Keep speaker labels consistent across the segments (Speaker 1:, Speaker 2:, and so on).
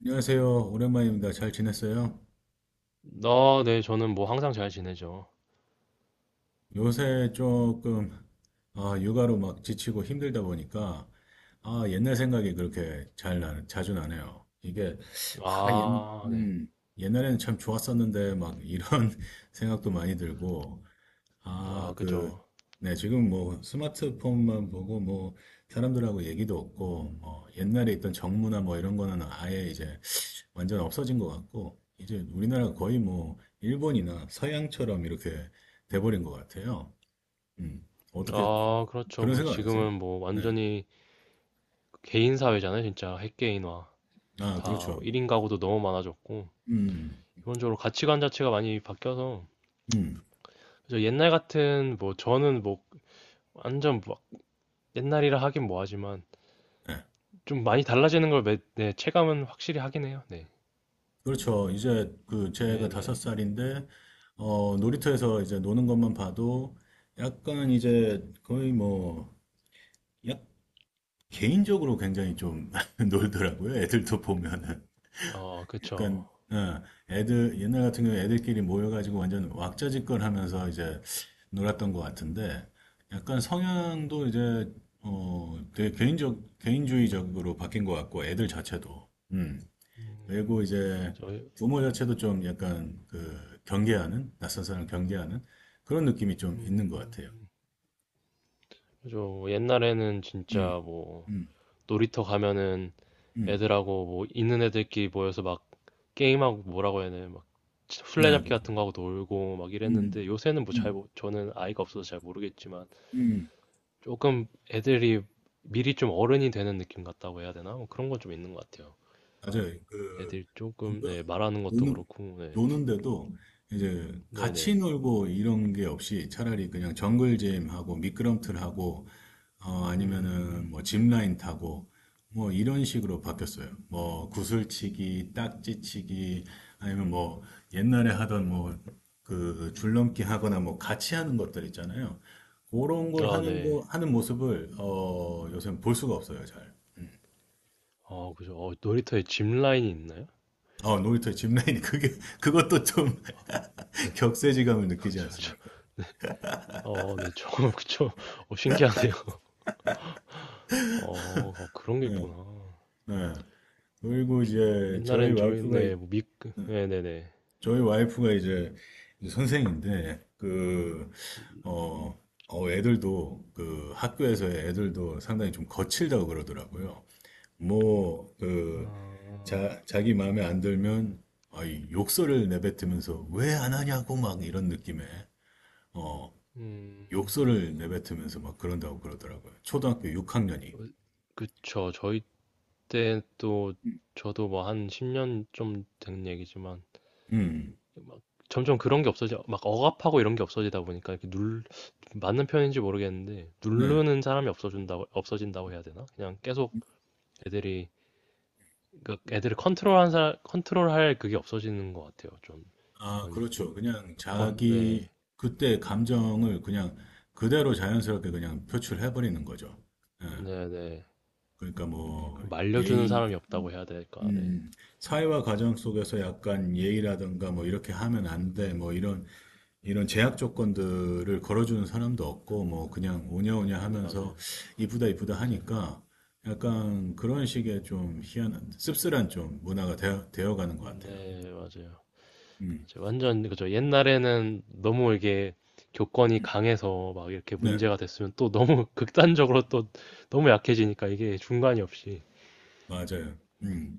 Speaker 1: 안녕하세요. 오랜만입니다. 잘 지냈어요?
Speaker 2: 아, 네, 저는 뭐 항상 잘 지내죠.
Speaker 1: 요새 조금 육아로 막 지치고 힘들다 보니까 옛날 생각이 그렇게 자주 나네요. 아, 옛,
Speaker 2: 아, 네.
Speaker 1: 음, 옛날에는 참 좋았었는데 막 이런 생각도 많이 들고 아,
Speaker 2: 아,
Speaker 1: 그,
Speaker 2: 그죠.
Speaker 1: 네, 지금 뭐 스마트폰만 보고 뭐 사람들하고 얘기도 없고 뭐 옛날에 있던 정문화 뭐 이런 거는 아예 이제 완전 없어진 것 같고, 이제 우리나라가 거의 뭐, 일본이나 서양처럼 이렇게 돼버린 것 같아요. 음. 어떻게,
Speaker 2: 아, 그렇죠.
Speaker 1: 그런
Speaker 2: 뭐
Speaker 1: 생각 안 드세요?
Speaker 2: 지금은 뭐
Speaker 1: 네.
Speaker 2: 완전히 개인 사회잖아요. 진짜 핵개인화.
Speaker 1: 아,
Speaker 2: 다뭐
Speaker 1: 그렇죠.
Speaker 2: 1인 가구도 너무 많아졌고,
Speaker 1: 음,
Speaker 2: 기본적으로 가치관 자체가 많이 바뀌어서,
Speaker 1: 음.
Speaker 2: 그죠. 옛날 같은 뭐 저는 뭐 완전 막 옛날이라 하긴 뭐하지만,
Speaker 1: 네.
Speaker 2: 좀 많이 달라지는 걸 네, 체감은 확실히 하긴 해요. 네.
Speaker 1: 그렇죠. 제가 다섯
Speaker 2: 네네.
Speaker 1: 살인데, 놀이터에서 이제 노는 것만 봐도, 약간 이제 거의 뭐, 약, 개인적으로 굉장히 좀 놀더라고요. 애들도 보면은.
Speaker 2: 어, 그쵸.
Speaker 1: 약간 어, 애들 옛날 같은 경우 애들끼리 모여가지고 완전 왁자지껄 하면서 이제 놀았던 것 같은데 약간 성향도 되게 개인적 개인주의적으로 바뀐 것 같고 애들 자체도
Speaker 2: 음,
Speaker 1: 그리고 이제
Speaker 2: 저,
Speaker 1: 부모 자체도 좀 약간 경계하는 낯선 사람 경계하는 그런 느낌이 좀 있는 것 같아요.
Speaker 2: 음, 그죠. 옛날에는
Speaker 1: 음,
Speaker 2: 진짜 뭐,
Speaker 1: 음,
Speaker 2: 놀이터 가면은
Speaker 1: 음,
Speaker 2: 애들하고 뭐 있는 애들끼리 모여서 막 게임하고 뭐라고 해야 되나 막
Speaker 1: 네,
Speaker 2: 술래잡기
Speaker 1: 그,
Speaker 2: 같은 거 하고 놀고 막
Speaker 1: 음,
Speaker 2: 이랬는데 요새는 뭐 잘
Speaker 1: 음,
Speaker 2: 저는 아이가 없어서 잘 모르겠지만
Speaker 1: 음,
Speaker 2: 조금 애들이 미리 좀 어른이 되는 느낌 같다고 해야 되나? 뭐 그런 건 좀 있는 것 같아요.
Speaker 1: 맞아요.
Speaker 2: 애들 조금 네, 말하는 것도
Speaker 1: 노는,
Speaker 2: 그렇고 네.
Speaker 1: 노는데도 이제
Speaker 2: 네네.
Speaker 1: 같이 놀고 이런 게 없이 차라리 그냥 정글잼하고 미끄럼틀하고 아니면은
Speaker 2: 음.
Speaker 1: 뭐 짚라인 타고 뭐 이런 식으로 바뀌었어요. 뭐 구슬치기, 딱지치기 아니면 뭐 옛날에 하던 뭐 그 줄넘기 하거나 뭐 같이 하는 것들 있잖아요. 그런 걸
Speaker 2: 아,
Speaker 1: 하는 거
Speaker 2: 네.
Speaker 1: 하는 모습을 요새 볼 수가 없어요, 잘.
Speaker 2: 아 그죠. 어, 놀이터에 짚 라인이 있나요?
Speaker 1: 어, 놀이터에 짚라인이 그게 그것도 좀
Speaker 2: 네.
Speaker 1: 격세지감을 느끼지 않습니까?
Speaker 2: 어, 네. 저 그쵸. 어, 신기하네요. 어, 어, 그런 게
Speaker 1: 예,
Speaker 2: 있구나.
Speaker 1: 예. 그리고
Speaker 2: 저-
Speaker 1: 이제 저희
Speaker 2: 옛날엔 저희
Speaker 1: 와이프가
Speaker 2: 네,
Speaker 1: 이-
Speaker 2: 네네네.
Speaker 1: 저희 와이프가 이제 선생인데 어, 애들도 그 학교에서의 애들도 상당히 좀 거칠다고 그러더라고요. 뭐 그
Speaker 2: 아,
Speaker 1: 자기 마음에 안 들면 아이 욕설을 내뱉으면서 왜 안 하냐고 막 이런 느낌에 어
Speaker 2: 음,
Speaker 1: 욕설을 내뱉으면서 막 그런다고 그러더라고요. 초등학교 6학년이.
Speaker 2: 어, 그쵸. 저희 때 또 저도 뭐 한 10년 좀 된 얘기지만
Speaker 1: 음,
Speaker 2: 막 점점 그런 게 없어져. 막 억압하고 이런 게 없어지다 보니까 이렇게 눌 맞는 표현인지 모르겠는데
Speaker 1: 네.
Speaker 2: 누르는 사람이 없어진다고 해야 되나? 그냥 계속 애들이 그 애들을 컨트롤한 사람 컨트롤할 그게 없어지는 것 같아요. 좀
Speaker 1: 아,
Speaker 2: 그런
Speaker 1: 그렇죠. 그냥 자기
Speaker 2: 네,
Speaker 1: 그때 감정을 그냥 그대로 자연스럽게 그냥 표출해버리는 거죠. 예.
Speaker 2: 네, 네.
Speaker 1: 그러니까 뭐
Speaker 2: 그걸 말려주는
Speaker 1: 예의,
Speaker 2: 사람이 없다고 해야 될까? 네,
Speaker 1: 음, 사회와 가정 속에서 약간 예의라든가 뭐 이렇게 하면 안 돼, 뭐 이런 제약 조건들을 걸어주는 사람도 없고, 뭐, 그냥
Speaker 2: 네,
Speaker 1: 오냐오냐
Speaker 2: 네, 맞아요,
Speaker 1: 하면서 이쁘다
Speaker 2: 맞아요.
Speaker 1: 하니까 약간 그런 식의 좀 희한한, 씁쓸한 좀 문화가 되어가는 것 같아요.
Speaker 2: 네, 맞아요. 맞아요.
Speaker 1: 음.
Speaker 2: 완전 그죠. 옛날에는 너무 이게 교권이 강해서 막 이렇게
Speaker 1: 네,
Speaker 2: 문제가 됐으면 또 너무 극단적으로 또 너무 약해지니까 이게 중간이 없이
Speaker 1: 맞아요. 음.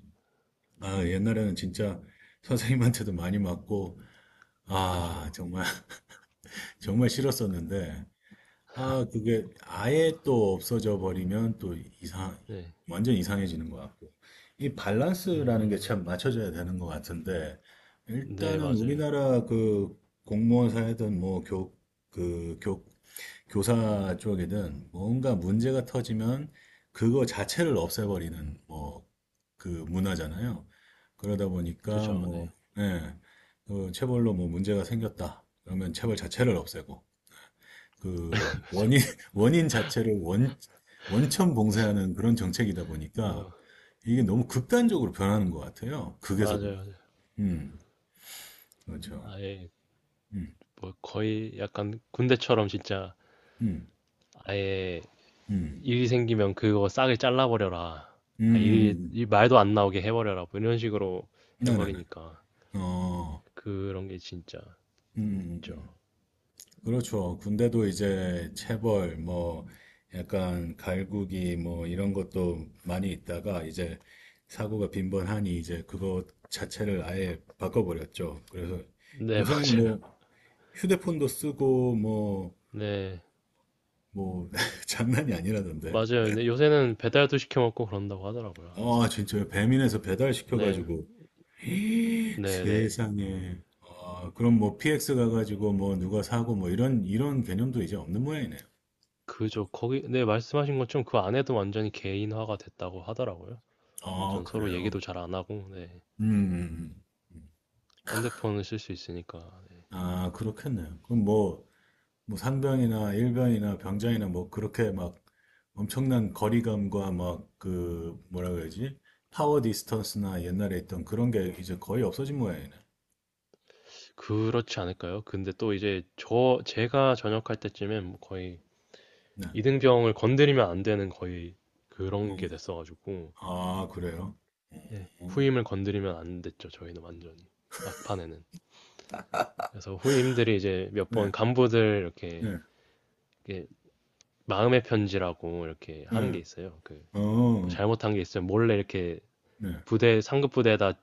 Speaker 1: 아, 옛날에는 진짜 선생님한테도 많이 맞고, 아,
Speaker 2: 그죠.
Speaker 1: 정말, 정말 싫었었는데, 아, 그게 아예 또 없어져 버리면 또 이상,
Speaker 2: 네,
Speaker 1: 완전 이상해지는 것 같고. 이 밸런스라는 게
Speaker 2: 음,
Speaker 1: 참 맞춰져야 되는 것 같은데,
Speaker 2: 네,
Speaker 1: 일단은
Speaker 2: 맞아요.
Speaker 1: 우리나라 그 공무원사이든 그 교, 교사 쪽이든 뭔가 문제가 터지면 그거 자체를 없애버리는 뭐 그 문화잖아요. 그러다 보니까
Speaker 2: 그죠, 네.
Speaker 1: 뭐, 예, 그 체벌로 뭐 문제가 생겼다. 그러면 체벌 자체를 없애고, 그 원인 원인 자체를 원 원천 봉쇄하는 그런 정책이다 보니까
Speaker 2: 그래서
Speaker 1: 이게 너무 극단적으로 변하는 것 같아요. 극에서 극.
Speaker 2: 맞아요. 맞아요.
Speaker 1: 음, 그렇죠.
Speaker 2: 아예
Speaker 1: 음,
Speaker 2: 뭐 거의 약간 군대처럼 진짜
Speaker 1: 음,
Speaker 2: 아예
Speaker 1: 음,
Speaker 2: 일이 생기면 그거 싸게 잘라버려라.
Speaker 1: 음,
Speaker 2: 아, 일,
Speaker 1: 음,
Speaker 2: 일 말도 안 나오게 해버려라. 뭐 이런 식으로
Speaker 1: 나나나.
Speaker 2: 해버리니까
Speaker 1: 어,
Speaker 2: 그런 게 진짜
Speaker 1: 음, 음, 음.
Speaker 2: 있죠.
Speaker 1: 음. 그렇죠. 군대도 이제 체벌 뭐 약간 갈구기 뭐 이런 것도 많이 있다가 이제 사고가 빈번하니 이제 그것 자체를 아예 바꿔버렸죠. 그래서
Speaker 2: 네,
Speaker 1: 요새는 뭐
Speaker 2: 맞아요.
Speaker 1: 휴대폰도 쓰고 뭐
Speaker 2: 네,
Speaker 1: 뭐 장난이 아니라던데.
Speaker 2: 맞아요. 근데 요새는 배달도 시켜 먹고 그런다고 하더라고요,
Speaker 1: 아
Speaker 2: 안에서.
Speaker 1: 진짜 배민에서 배달
Speaker 2: 네,
Speaker 1: 시켜가지고
Speaker 2: 네, 네.
Speaker 1: 세상에. 아 그럼 뭐 PX 가가지고 뭐 누가 사고 뭐 이런 개념도 이제 없는 모양이네요.
Speaker 2: 그죠. 거기, 네, 말씀하신 것처럼 그 안에도 완전히 개인화가 됐다고 하더라고요.
Speaker 1: 아
Speaker 2: 완전 서로
Speaker 1: 그래요.
Speaker 2: 얘기도 잘 안 하고, 네.
Speaker 1: 음. 음, 음.
Speaker 2: 핸드폰을 쓸 수 있으니까.
Speaker 1: 아 그렇겠네요. 그럼 뭐 상병이나 일병이나 병장이나 뭐 그렇게 막 엄청난 거리감과 막 그 뭐라 그러지? 파워 디스턴스나 옛날에 있던 그런 게 이제 거의 없어진 모양이네.
Speaker 2: 그렇지 않을까요? 근데 또 이제 제가 전역할 때쯤엔 뭐 거의
Speaker 1: 네.
Speaker 2: 이등병을 건드리면 안 되는 거의 그런 게 됐어가지고
Speaker 1: 어, 아, 그래요?
Speaker 2: 네,
Speaker 1: 어,
Speaker 2: 후임을 건드리면 안 됐죠. 저희는 완전히 막판에는 그래서 후임들이 이제 몇
Speaker 1: 네,
Speaker 2: 번 간부들 이렇게,
Speaker 1: 네,
Speaker 2: 이렇게 마음의 편지라고 이렇게 하는 게
Speaker 1: 네,
Speaker 2: 있어요. 그뭐
Speaker 1: 어,
Speaker 2: 잘못한 게 있으면 몰래 이렇게
Speaker 1: 네,
Speaker 2: 부대 상급 부대에다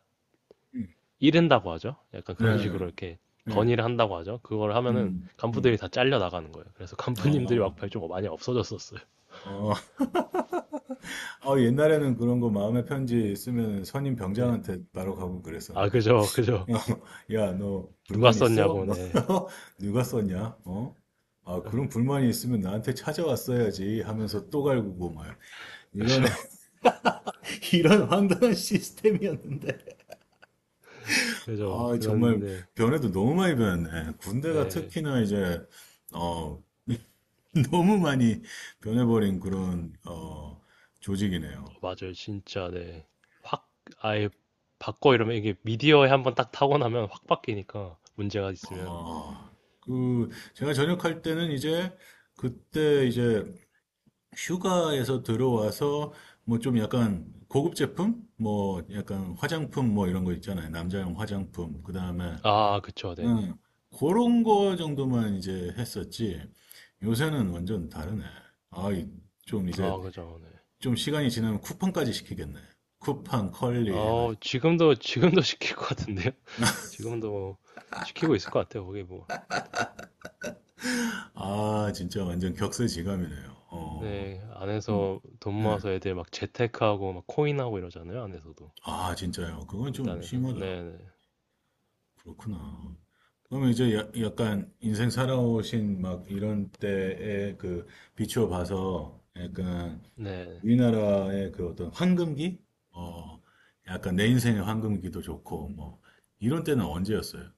Speaker 1: 음,
Speaker 2: 이른다고 하죠. 약간 그런
Speaker 1: 네,
Speaker 2: 식으로 이렇게
Speaker 1: 네,
Speaker 2: 건의를 한다고 하죠. 그걸 하면은
Speaker 1: 음,
Speaker 2: 간부들이
Speaker 1: 음.
Speaker 2: 다 잘려 나가는 거예요. 그래서
Speaker 1: 아,
Speaker 2: 간부님들이
Speaker 1: 어.
Speaker 2: 막판에 좀 많이 없어졌었어요.
Speaker 1: 아, 옛날에는 그런 거 마음의
Speaker 2: 네,
Speaker 1: 편지 쓰면 선임
Speaker 2: 네.
Speaker 1: 병장한테 바로 가고
Speaker 2: 아
Speaker 1: 그랬었는데.
Speaker 2: 그죠, 그죠.
Speaker 1: 야, 너
Speaker 2: 누가
Speaker 1: 불만 있어?
Speaker 2: 썼냐고. 네.
Speaker 1: 누가 썼냐? 어? 아, 그런
Speaker 2: 아,
Speaker 1: 불만이 있으면 나한테 찾아왔어야지 하면서 또 갈구고 막 이런
Speaker 2: 그죠
Speaker 1: 이런 황당한 시스템이었는데.
Speaker 2: 그죠.
Speaker 1: 아, 정말
Speaker 2: 그런데,
Speaker 1: 변해도 너무 많이 변했네. 군대가
Speaker 2: 네.
Speaker 1: 특히나 이제 어 너무 많이 변해버린 그런 어 조직이네요.
Speaker 2: 어, 맞아요. 진짜, 네. 확, 아예 바꿔 이러면 이게 미디어에 한번 딱 타고 나면 확 바뀌니까. 문제가 있으면.
Speaker 1: 아, 그 제가 전역할 때는 이제 그때 이제 휴가에서 들어와서 뭐 좀 약간 고급 제품, 뭐 약간 화장품 뭐 이런 거 있잖아요. 남자용 화장품. 그다음에
Speaker 2: 아, 그쵸. 네네.
Speaker 1: 음, 그런 거 정도만 이제 했었지. 요새는 완전 다르네. 아, 이- 좀 이제
Speaker 2: 아, 그죠. 네.
Speaker 1: 시간이 지나면 쿠팡까지 시키겠네. 쿠팡, 컬리
Speaker 2: 어,
Speaker 1: 해가지고.
Speaker 2: 지금도 시킬 것 같은데요? 지금도 뭐 시키고 있을 것 같아요. 거기 뭐.
Speaker 1: 아, 진짜 완전 격세지감이네요.
Speaker 2: 네.
Speaker 1: 음.
Speaker 2: 안에서 돈
Speaker 1: 예.
Speaker 2: 모아서 애들 막 재테크하고 막 코인하고 이러잖아요. 안에서도.
Speaker 1: 아, 진짜요. 그건 좀
Speaker 2: 금단에서.
Speaker 1: 심하다.
Speaker 2: 네네.
Speaker 1: 그렇구나. 약간 인생 살아오신 막 이런 때에 비추어 봐서 약간
Speaker 2: 네.
Speaker 1: 우리나라의 그 어떤 황금기? 어, 약간 내 인생의 황금기도 좋고 뭐 이런 때는 언제였어요?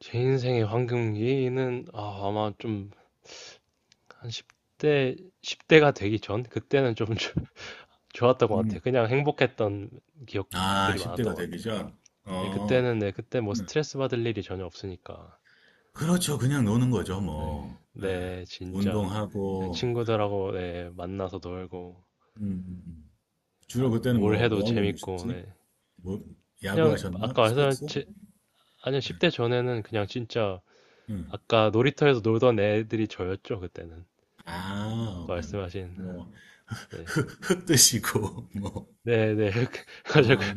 Speaker 2: 제 인생의 황금기는 아, 아마 좀 한 10대, 십 대가 되기 전? 그때는 좀 좋았던 것
Speaker 1: 음.
Speaker 2: 같아요. 그냥 행복했던
Speaker 1: 아,
Speaker 2: 기억들이
Speaker 1: 10대가
Speaker 2: 많았던 것
Speaker 1: 되기
Speaker 2: 같아요.
Speaker 1: 전?
Speaker 2: 네,
Speaker 1: 어,
Speaker 2: 그때는, 네, 그때 뭐
Speaker 1: 네.
Speaker 2: 스트레스 받을 일이 전혀 없으니까.
Speaker 1: 그렇죠. 그냥 노는 거죠,
Speaker 2: 네,
Speaker 1: 뭐. 예,
Speaker 2: 네, 진짜. 그냥
Speaker 1: 운동하고,
Speaker 2: 친구들하고, 네, 만나서 놀고,
Speaker 1: 음, 음, 음.
Speaker 2: 아,
Speaker 1: 주로 그때는
Speaker 2: 뭘
Speaker 1: 뭐,
Speaker 2: 해도
Speaker 1: 뭐 하고
Speaker 2: 재밌고,
Speaker 1: 노셨지?
Speaker 2: 네.
Speaker 1: 뭐, 야구
Speaker 2: 그냥,
Speaker 1: 하셨나?
Speaker 2: 아까
Speaker 1: 스포츠?
Speaker 2: 말씀하신, 아니요,
Speaker 1: 예,
Speaker 2: 10대 전에는 그냥 진짜,
Speaker 1: 음.
Speaker 2: 아까 놀이터에서 놀던 애들이 저였죠, 그때는.
Speaker 1: 아,
Speaker 2: 아까
Speaker 1: 오케이.
Speaker 2: 말씀하신,
Speaker 1: 뭐,
Speaker 2: 네.
Speaker 1: 흙 드시고, 뭐,
Speaker 2: 네, 네. 맞아요.
Speaker 1: 아,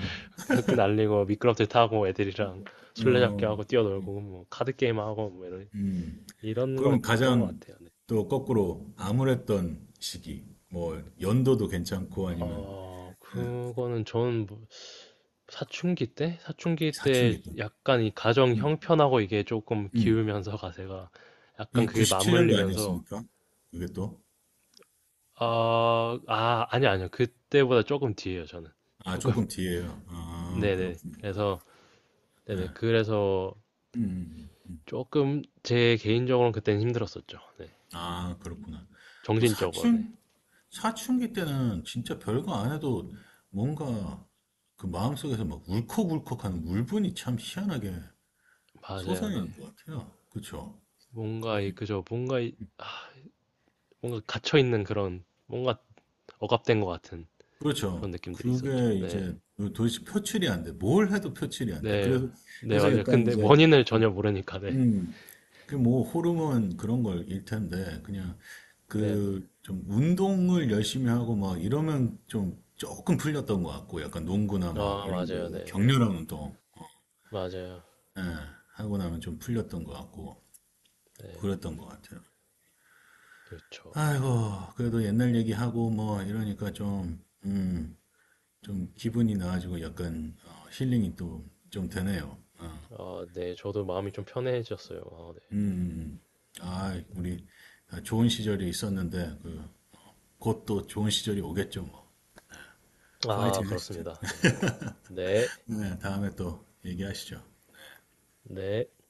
Speaker 2: 흙 날리고 미끄럼틀 타고 애들이랑 술래잡기
Speaker 1: 어,
Speaker 2: 하고
Speaker 1: 예.
Speaker 2: 뛰어놀고 뭐 카드 게임 하고 뭐 이런
Speaker 1: 음.
Speaker 2: 이런
Speaker 1: 그러면
Speaker 2: 거였던 것
Speaker 1: 가장
Speaker 2: 같아요. 네.
Speaker 1: 또 거꾸로 암울했던 시기, 뭐, 연도도 괜찮고, 아니면,
Speaker 2: 어
Speaker 1: 예,
Speaker 2: 그거는 저는 뭐 사춘기 때
Speaker 1: 사춘기 때.
Speaker 2: 약간 이 가정
Speaker 1: 음.
Speaker 2: 형편하고 이게 조금
Speaker 1: 음.
Speaker 2: 기우면서 가세가 약간
Speaker 1: 이게
Speaker 2: 그게
Speaker 1: 97년도
Speaker 2: 맞물리면서
Speaker 1: 아니었습니까? 이게 또?
Speaker 2: 아, 아, 아니요, 아니요. 그때보다 조금 뒤에요, 저는.
Speaker 1: 아,
Speaker 2: 조금.
Speaker 1: 조금 뒤에요. 아,
Speaker 2: 네네.
Speaker 1: 그렇구나.
Speaker 2: 그래서,
Speaker 1: 네.
Speaker 2: 네네. 그래서
Speaker 1: 음, 음.
Speaker 2: 조금 제 개인적으로는 그때는 힘들었었죠. 네.
Speaker 1: 아, 그렇구나. 또
Speaker 2: 정신적으로, 네.
Speaker 1: 사춘, 사춘기 때는 진짜 별거 안 해도 뭔가 그 마음속에서 막 울컥울컥하는 울분이 참 희한하게
Speaker 2: 맞아요, 네.
Speaker 1: 솟아나는 것 같아요. 그렇죠?
Speaker 2: 뭔가 이 그저 뭔가 이 아, 뭔가 갇혀 있는 그런 뭔가 억압된 것 같은 그런
Speaker 1: 그렇죠.
Speaker 2: 느낌들이 있었죠.
Speaker 1: 그게
Speaker 2: 네,
Speaker 1: 이제 도대체 표출이 안 돼. 뭘 해도 표출이 안 돼.
Speaker 2: 네, 네
Speaker 1: 그래서
Speaker 2: 맞아요.
Speaker 1: 약간
Speaker 2: 근데
Speaker 1: 이제,
Speaker 2: 원인을
Speaker 1: 음,
Speaker 2: 전혀 모르니까 네,
Speaker 1: 음. 그 뭐 호르몬 그런 걸일 텐데 그냥
Speaker 2: 네, 네.
Speaker 1: 그 좀 운동을 열심히 하고 막 이러면 좀 조금 풀렸던 것 같고 약간 농구나 막
Speaker 2: 아
Speaker 1: 이런 거
Speaker 2: 맞아요, 네, 네,
Speaker 1: 격렬한 운동
Speaker 2: 맞아요,
Speaker 1: 예, 하고 나면 좀 풀렸던 것 같고
Speaker 2: 네,
Speaker 1: 그랬던 것 같아요.
Speaker 2: 그렇죠.
Speaker 1: 아이고 그래도 옛날 얘기하고 뭐 이러니까 좀 음, 좀 기분이 나아지고 약간 힐링이 또 좀 되네요.
Speaker 2: 아, 네, 저도 마음이 좀 편해졌어요. 아, 네.
Speaker 1: 음, 음. 아, 우리 다 좋은 시절이 있었는데 그 곧 또 좋은 시절이 오겠죠 뭐.
Speaker 2: 아,
Speaker 1: 파이팅 하시죠.
Speaker 2: 그렇습니다. 네, 네,
Speaker 1: 네, 다음에 또 얘기하시죠.
Speaker 2: 네.